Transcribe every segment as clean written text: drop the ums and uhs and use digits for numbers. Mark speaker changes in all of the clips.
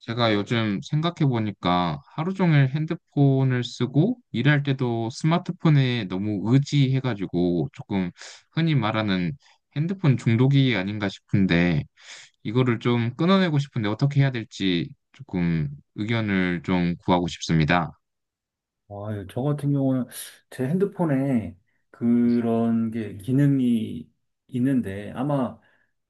Speaker 1: 제가 요즘 생각해보니까 하루 종일 핸드폰을 쓰고 일할 때도 스마트폰에 너무 의지해가지고 조금 흔히 말하는 핸드폰 중독이 아닌가 싶은데, 이거를 좀 끊어내고 싶은데 어떻게 해야 될지 조금 의견을 좀 구하고 싶습니다.
Speaker 2: 아, 예, 저 같은 경우는 제 핸드폰에
Speaker 1: 네.
Speaker 2: 그런 게 기능이 있는데 아마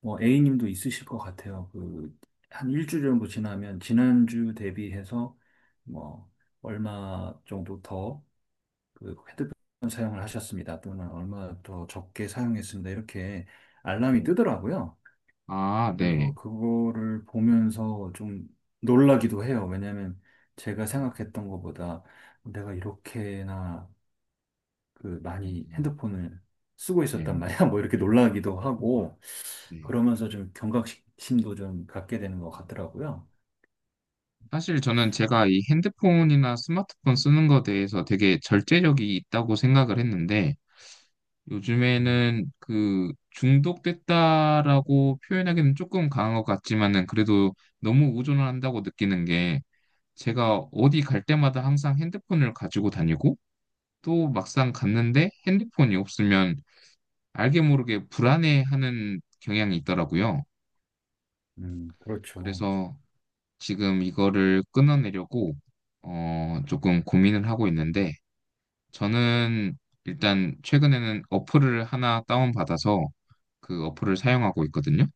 Speaker 2: 뭐 A님도 있으실 것 같아요. 그 한 일주일 정도 지나면 지난주 대비해서 뭐 얼마 정도 더그 핸드폰 사용을 하셨습니다. 또는 얼마 더 적게 사용했습니다. 이렇게 알람이
Speaker 1: 네.
Speaker 2: 뜨더라고요.
Speaker 1: 아,
Speaker 2: 그래서
Speaker 1: 네.
Speaker 2: 그거를 보면서 좀 놀라기도 해요. 왜냐면 제가
Speaker 1: 음.
Speaker 2: 생각했던 것보다 내가 이렇게나 그
Speaker 1: 음.
Speaker 2: 많이
Speaker 1: 음.
Speaker 2: 핸드폰을 쓰고 있었단
Speaker 1: 네.
Speaker 2: 말이야. 뭐 이렇게 놀라기도 하고
Speaker 1: 네.
Speaker 2: 그러면서 좀 경각심도 좀 갖게 되는 것
Speaker 1: 음.
Speaker 2: 같더라고요.
Speaker 1: 사실 저는 제가 이 핸드폰이나 스마트폰 쓰는 거에 대해서 되게 절제력이 있다고 생각을 했는데,
Speaker 2: 음,
Speaker 1: 요즘에는 그 중독됐다라고 표현하기는 조금 강한 것 같지만은 그래도 너무 의존을 한다고 느끼는 게, 제가 어디 갈 때마다 항상 핸드폰을 가지고 다니고, 또 막상 갔는데 핸드폰이 없으면 알게 모르게 불안해하는 경향이 있더라고요.
Speaker 2: 그렇죠.
Speaker 1: 그래서 지금 이거를 끊어내려고 조금 고민을 하고 있는데, 저는 일단 최근에는 어플을 하나 다운받아서 그 어플을 사용하고 있거든요.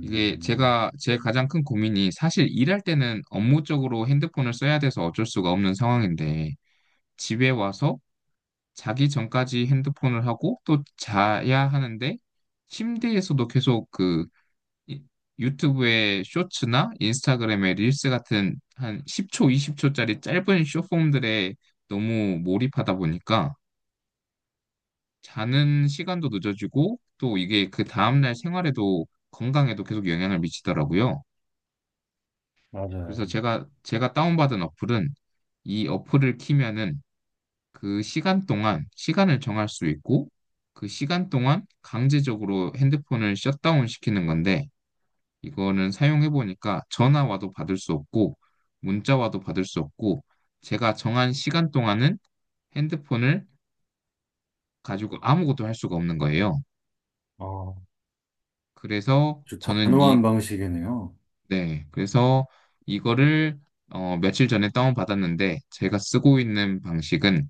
Speaker 1: 이게 제가 제 가장 큰 고민이, 사실 일할 때는 업무적으로 핸드폰을 써야 돼서 어쩔 수가 없는 상황인데, 집에 와서 자기 전까지 핸드폰을 하고 또 자야 하는데, 침대에서도 계속 그 이- 유튜브의 쇼츠나 인스타그램의 릴스 같은 한 10초, 20초짜리 짧은 쇼폼들에 너무 몰입하다 보니까 자는 시간도 늦어지고 또 이게 그 다음날 생활에도 건강에도 계속 영향을 미치더라고요. 그래서
Speaker 2: 맞아요.
Speaker 1: 제가 다운받은 어플은, 이 어플을 키면은 그 시간 동안 시간을 정할 수 있고 그 시간 동안 강제적으로 핸드폰을 셧다운 시키는 건데, 이거는 사용해 보니까 전화 와도 받을 수 없고 문자 와도 받을 수 없고 제가 정한 시간 동안은 핸드폰을 가지고 아무것도 할 수가 없는 거예요.
Speaker 2: 아,
Speaker 1: 그래서
Speaker 2: 아주
Speaker 1: 저는
Speaker 2: 단호한 방식이네요.
Speaker 1: 네, 그래서 이거를 며칠 전에 다운받았는데, 제가 쓰고 있는 방식은,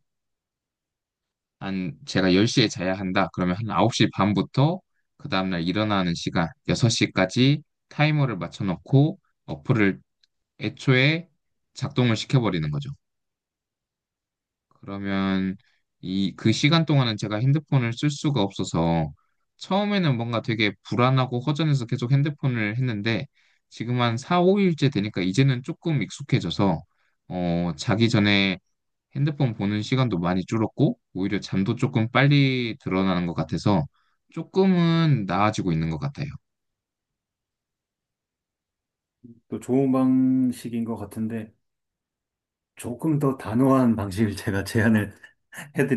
Speaker 1: 한 제가 10시에 자야 한다. 그러면 한 9시 반부터 그 다음날 일어나는 시간 6시까지 타이머를 맞춰 놓고 어플을 애초에 작동을 시켜버리는 거죠. 그러면 이 그 시간 동안은 제가 핸드폰을 쓸 수가 없어서 처음에는 뭔가 되게 불안하고 허전해서 계속 핸드폰을 했는데, 지금 한 4, 5일째 되니까 이제는 조금 익숙해져서, 자기 전에 핸드폰 보는 시간도 많이 줄었고, 오히려 잠도 조금 빨리 드러나는 것 같아서 조금은 나아지고 있는 것 같아요.
Speaker 2: 또 좋은 방식인 것 같은데 조금 더 단호한 방식을 제가 제안을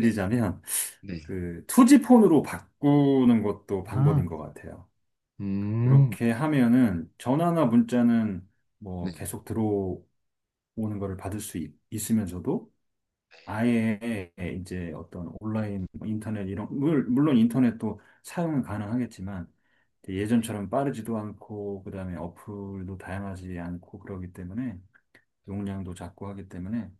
Speaker 1: 네, 네.
Speaker 2: 그 투지폰으로 바꾸는 것도 방법인
Speaker 1: 아,
Speaker 2: 것 같아요.
Speaker 1: 음,
Speaker 2: 그렇게 하면은 전화나 문자는 뭐
Speaker 1: 네.
Speaker 2: 계속 들어오는 것을 받을 수 있으면서도 아예 이제 어떤 온라인 뭐 인터넷 이런 물론 인터넷도 사용은 가능하겠지만 예전처럼 빠르지도 않고 그다음에 어플도 다양하지 않고 그러기 때문에 용량도 작고 하기 때문에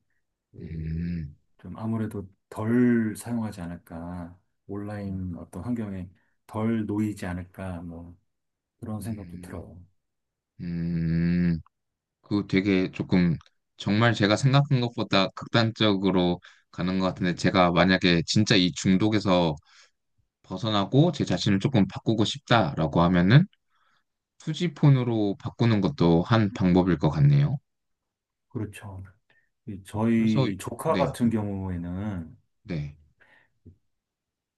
Speaker 2: 그,
Speaker 1: 음.
Speaker 2: 좀 아무래도 덜 사용하지 않을까, 온라인 어떤 환경에 덜 놓이지 않을까, 뭐 그런 생각도
Speaker 1: 음.
Speaker 2: 들어요.
Speaker 1: 음, 그 되게 조금, 정말 제가 생각한 것보다 극단적으로 가는 것 같은데,
Speaker 2: 음,
Speaker 1: 제가 만약에 진짜 이 중독에서 벗어나고 제 자신을 조금 바꾸고 싶다라고 하면은 투지폰으로 바꾸는 것도 한 방법일 것 같네요.
Speaker 2: 그렇죠. 이
Speaker 1: 그래서.
Speaker 2: 저희 조카
Speaker 1: 네.
Speaker 2: 같은 경우에는
Speaker 1: 네.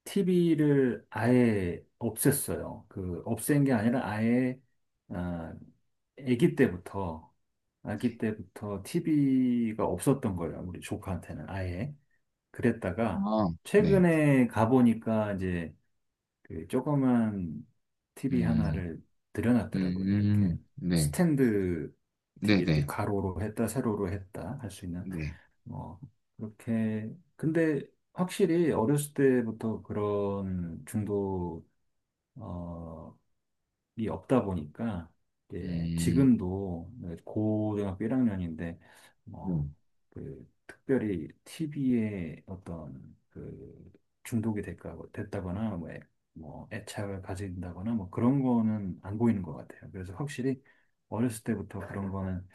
Speaker 2: TV를 아예 없앴어요. 그 없앤 게 아니라 아예 아, 아기 때부터 아기 때부터 TV가 없었던 거예요. 우리 조카한테는 아예
Speaker 1: 아,
Speaker 2: 그랬다가
Speaker 1: 네.
Speaker 2: 최근에 가보니까 이제 그 조그만 TV
Speaker 1: 음,
Speaker 2: 하나를 들여놨더라고요. 이렇게
Speaker 1: 네.
Speaker 2: 스탠드 TV 이렇게
Speaker 1: 네네.
Speaker 2: 가로로 했다, 세로로 했다 할 수 있는
Speaker 1: 네.
Speaker 2: 뭐 그렇게 근데 확실히 어렸을 때부터 그런 중독 이 없다 보니까 이제
Speaker 1: 음,
Speaker 2: 지금도 고등학교 1학년인데
Speaker 1: 네.
Speaker 2: 뭐그 특별히 TV에 어떤 그 중독이 될까 됐다거나 뭐, 뭐 애착을 가진다거나 뭐 그런 거는 안 보이는 것 같아요. 그래서 확실히 어렸을 때부터 그런 거는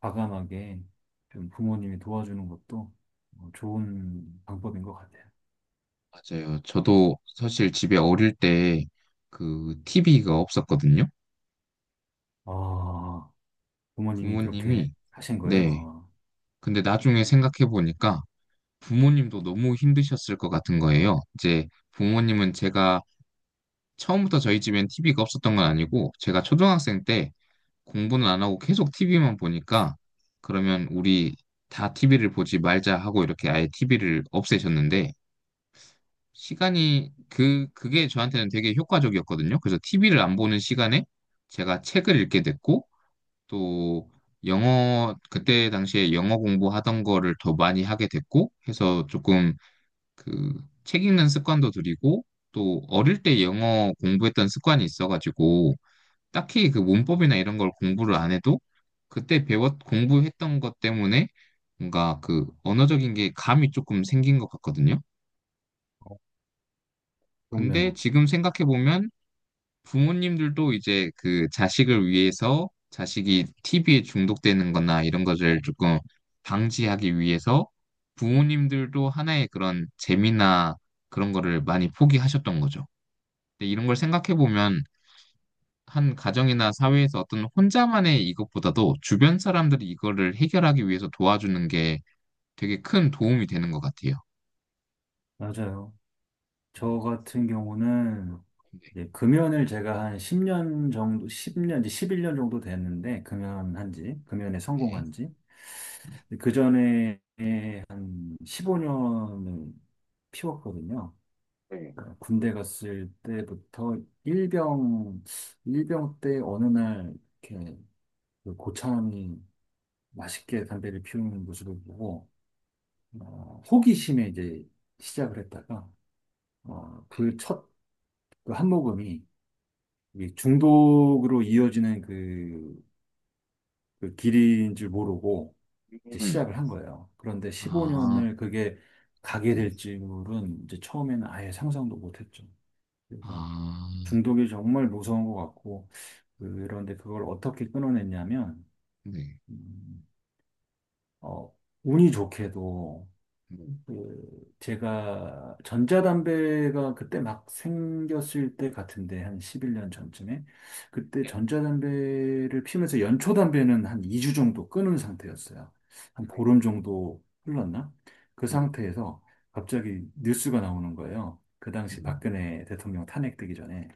Speaker 2: 과감하게 좀 부모님이 도와주는 것도 뭐 좋은 방법인 것 같아요.
Speaker 1: 맞아요. 저도 사실 집에 어릴 때 그 TV가 없었거든요.
Speaker 2: 아, 부모님이 그렇게
Speaker 1: 부모님이.
Speaker 2: 하신 거예요?
Speaker 1: 네.
Speaker 2: 아,
Speaker 1: 근데 나중에 생각해 보니까 부모님도 너무 힘드셨을 것 같은 거예요. 이제 부모님은, 제가 처음부터 저희 집엔 TV가 없었던 건 아니고 제가 초등학생 때 공부는 안 하고 계속 TV만 보니까, 그러면 우리 다 TV를 보지 말자 하고 이렇게 아예 TV를 없애셨는데, 시간이 그 그게 저한테는 되게 효과적이었거든요. 그래서 TV를 안 보는 시간에 제가 책을 읽게 됐고, 또 영어, 그때 당시에 영어 공부하던 거를 더 많이 하게 됐고 해서, 조금 그 책 읽는 습관도 들이고 또 어릴 때 영어 공부했던 습관이 있어가지고 딱히 그 문법이나 이런 걸 공부를 안 해도 그때 공부했던 것 때문에 뭔가 그 언어적인 게 감이 조금 생긴 것 같거든요. 근데
Speaker 2: 부럽네요.
Speaker 1: 지금 생각해보면, 부모님들도 이제 그 자식을 위해서, 자식이 TV에 중독되는 거나 이런 것을 조금 방지하기 위해서 부모님들도 하나의 그런 재미나 그런 거를 많이 포기하셨던 거죠. 근데 이런 걸 생각해보면, 한 가정이나 사회에서 어떤 혼자만의 이것보다도 주변 사람들이 이거를 해결하기 위해서 도와주는 게 되게 큰 도움이 되는 것 같아요.
Speaker 2: 맞아요. 저
Speaker 1: 음,
Speaker 2: 같은 경우는
Speaker 1: 네.
Speaker 2: 이제 금연을 제가 한 10년 정도, 10년, 이제 11년 정도 됐는데, 금연한 지, 금연에
Speaker 1: 네.
Speaker 2: 성공한 지.
Speaker 1: 네.
Speaker 2: 그 전에 한 15년을 피웠거든요.
Speaker 1: 네.
Speaker 2: 그러니까 군대 갔을 때부터 일병, 일병 때 어느 날 이렇게 그 고참이 맛있게 담배를 피우는 모습을 보고, 호기심에 이제 시작을 했다가, 그 첫 그 한 모금이 이게 중독으로 이어지는 그, 그 길인 줄 모르고 이제
Speaker 1: 음.
Speaker 2: 시작을 한 거예요. 그런데
Speaker 1: 아,
Speaker 2: 15년을 그게 가게
Speaker 1: 네.
Speaker 2: 될 줄은 이제 처음에는 아예 상상도 못했죠. 그래서
Speaker 1: 아,
Speaker 2: 중독이 정말 무서운 것 같고 그런데 그걸 어떻게 끊어냈냐면
Speaker 1: 네.
Speaker 2: 음, 어, 운이 좋게도
Speaker 1: 음.
Speaker 2: 그 제가 전자담배가 그때 막 생겼을 때 같은데 한 11년 전쯤에 그때
Speaker 1: 네.
Speaker 2: 전자담배를 피면서 연초담배는 한 2주 정도 끊은 상태였어요. 한 보름 정도 흘렀나? 그
Speaker 1: 음.
Speaker 2: 상태에서 갑자기 뉴스가 나오는 거예요. 그 당시
Speaker 1: 음.
Speaker 2: 박근혜 대통령 탄핵되기 전에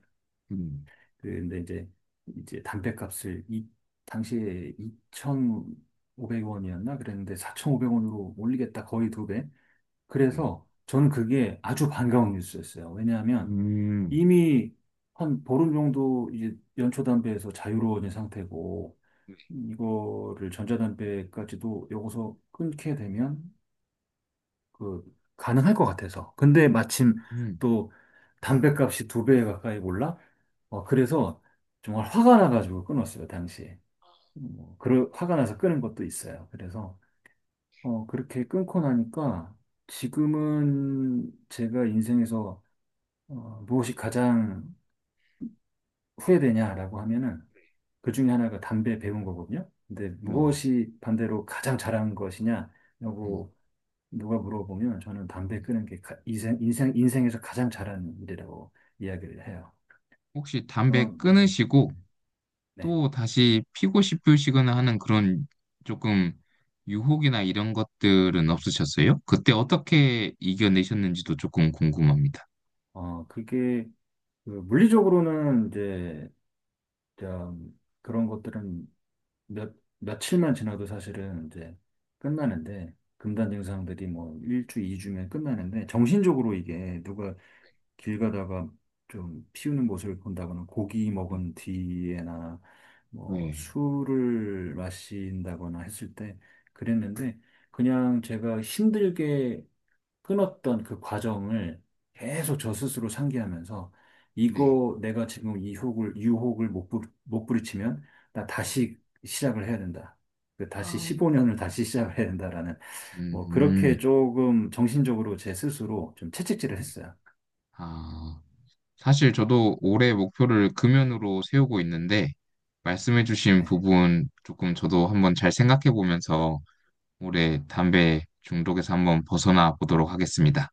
Speaker 1: 음,
Speaker 2: 근데 이제 담배값을 이 당시에 2,500원이었나 그랬는데 4,500원으로 올리겠다 거의 두 배.
Speaker 1: 그래요.
Speaker 2: 그래서 저는 그게 아주 반가운 뉴스였어요. 왜냐하면
Speaker 1: 음,
Speaker 2: 이미 한 보름 정도 이제 연초담배에서 자유로운 상태고 이거를 전자담배까지도 여기서 끊게 되면 그 가능할 것 같아서. 근데 마침
Speaker 1: 음,
Speaker 2: 또 담배값이 두 배 가까이 올라? 어, 그래서 정말 화가 나가지고 끊었어요, 당시에. 뭐, 화가 나서 끊은 것도 있어요. 그래서 어, 그렇게 끊고 나니까 지금은 제가 인생에서 어, 무엇이 가장 후회되냐라고 하면은 그 중에 하나가 담배 배운 거거든요. 근데
Speaker 1: 네.
Speaker 2: 무엇이 반대로 가장 잘한
Speaker 1: 음.
Speaker 2: 것이냐라고 누가 물어보면 저는 담배 끊은 게 인생, 인생, 인생에서 가장 잘한 일이라고 이야기를 해요.
Speaker 1: 혹시 담배
Speaker 2: 그만, 네.
Speaker 1: 끊으시고
Speaker 2: 음, 네.
Speaker 1: 또 다시 피고 싶으시거나 하는 그런 조금 유혹이나 이런 것들은 없으셨어요? 그때 어떻게 이겨내셨는지도 조금 궁금합니다.
Speaker 2: 어, 그게 그 물리적으로는 이제 좀 그런 것들은 몇, 며칠만 지나도 사실은 이제 끝나는데, 금단 증상들이 뭐 1주, 2주면 끝나는데, 정신적으로 이게 누가 길 가다가 좀 피우는 모습을 본다거나, 고기 먹은 뒤에나, 뭐
Speaker 1: 네,
Speaker 2: 술을 마신다거나 했을 때 그랬는데, 그냥 제가 힘들게 끊었던 그 과정을 계속 저 스스로 상기하면서
Speaker 1: 네,
Speaker 2: 이거 내가 지금 유혹을 못 부딪히면 나
Speaker 1: 네.
Speaker 2: 다시 시작을 해야 된다. 그 다시
Speaker 1: 아,
Speaker 2: 15년을 다시 시작을 해야 된다라는 뭐
Speaker 1: 음,
Speaker 2: 그렇게 조금 정신적으로 제 스스로 좀 채찍질을
Speaker 1: 네.
Speaker 2: 했어요.
Speaker 1: 아, 사실 저도 올해 목표를 금연으로 세우고 있는데, 말씀해주신
Speaker 2: 네.
Speaker 1: 부분 조금 저도 한번 잘 생각해 보면서 올해 담배 중독에서 한번 벗어나 보도록 하겠습니다.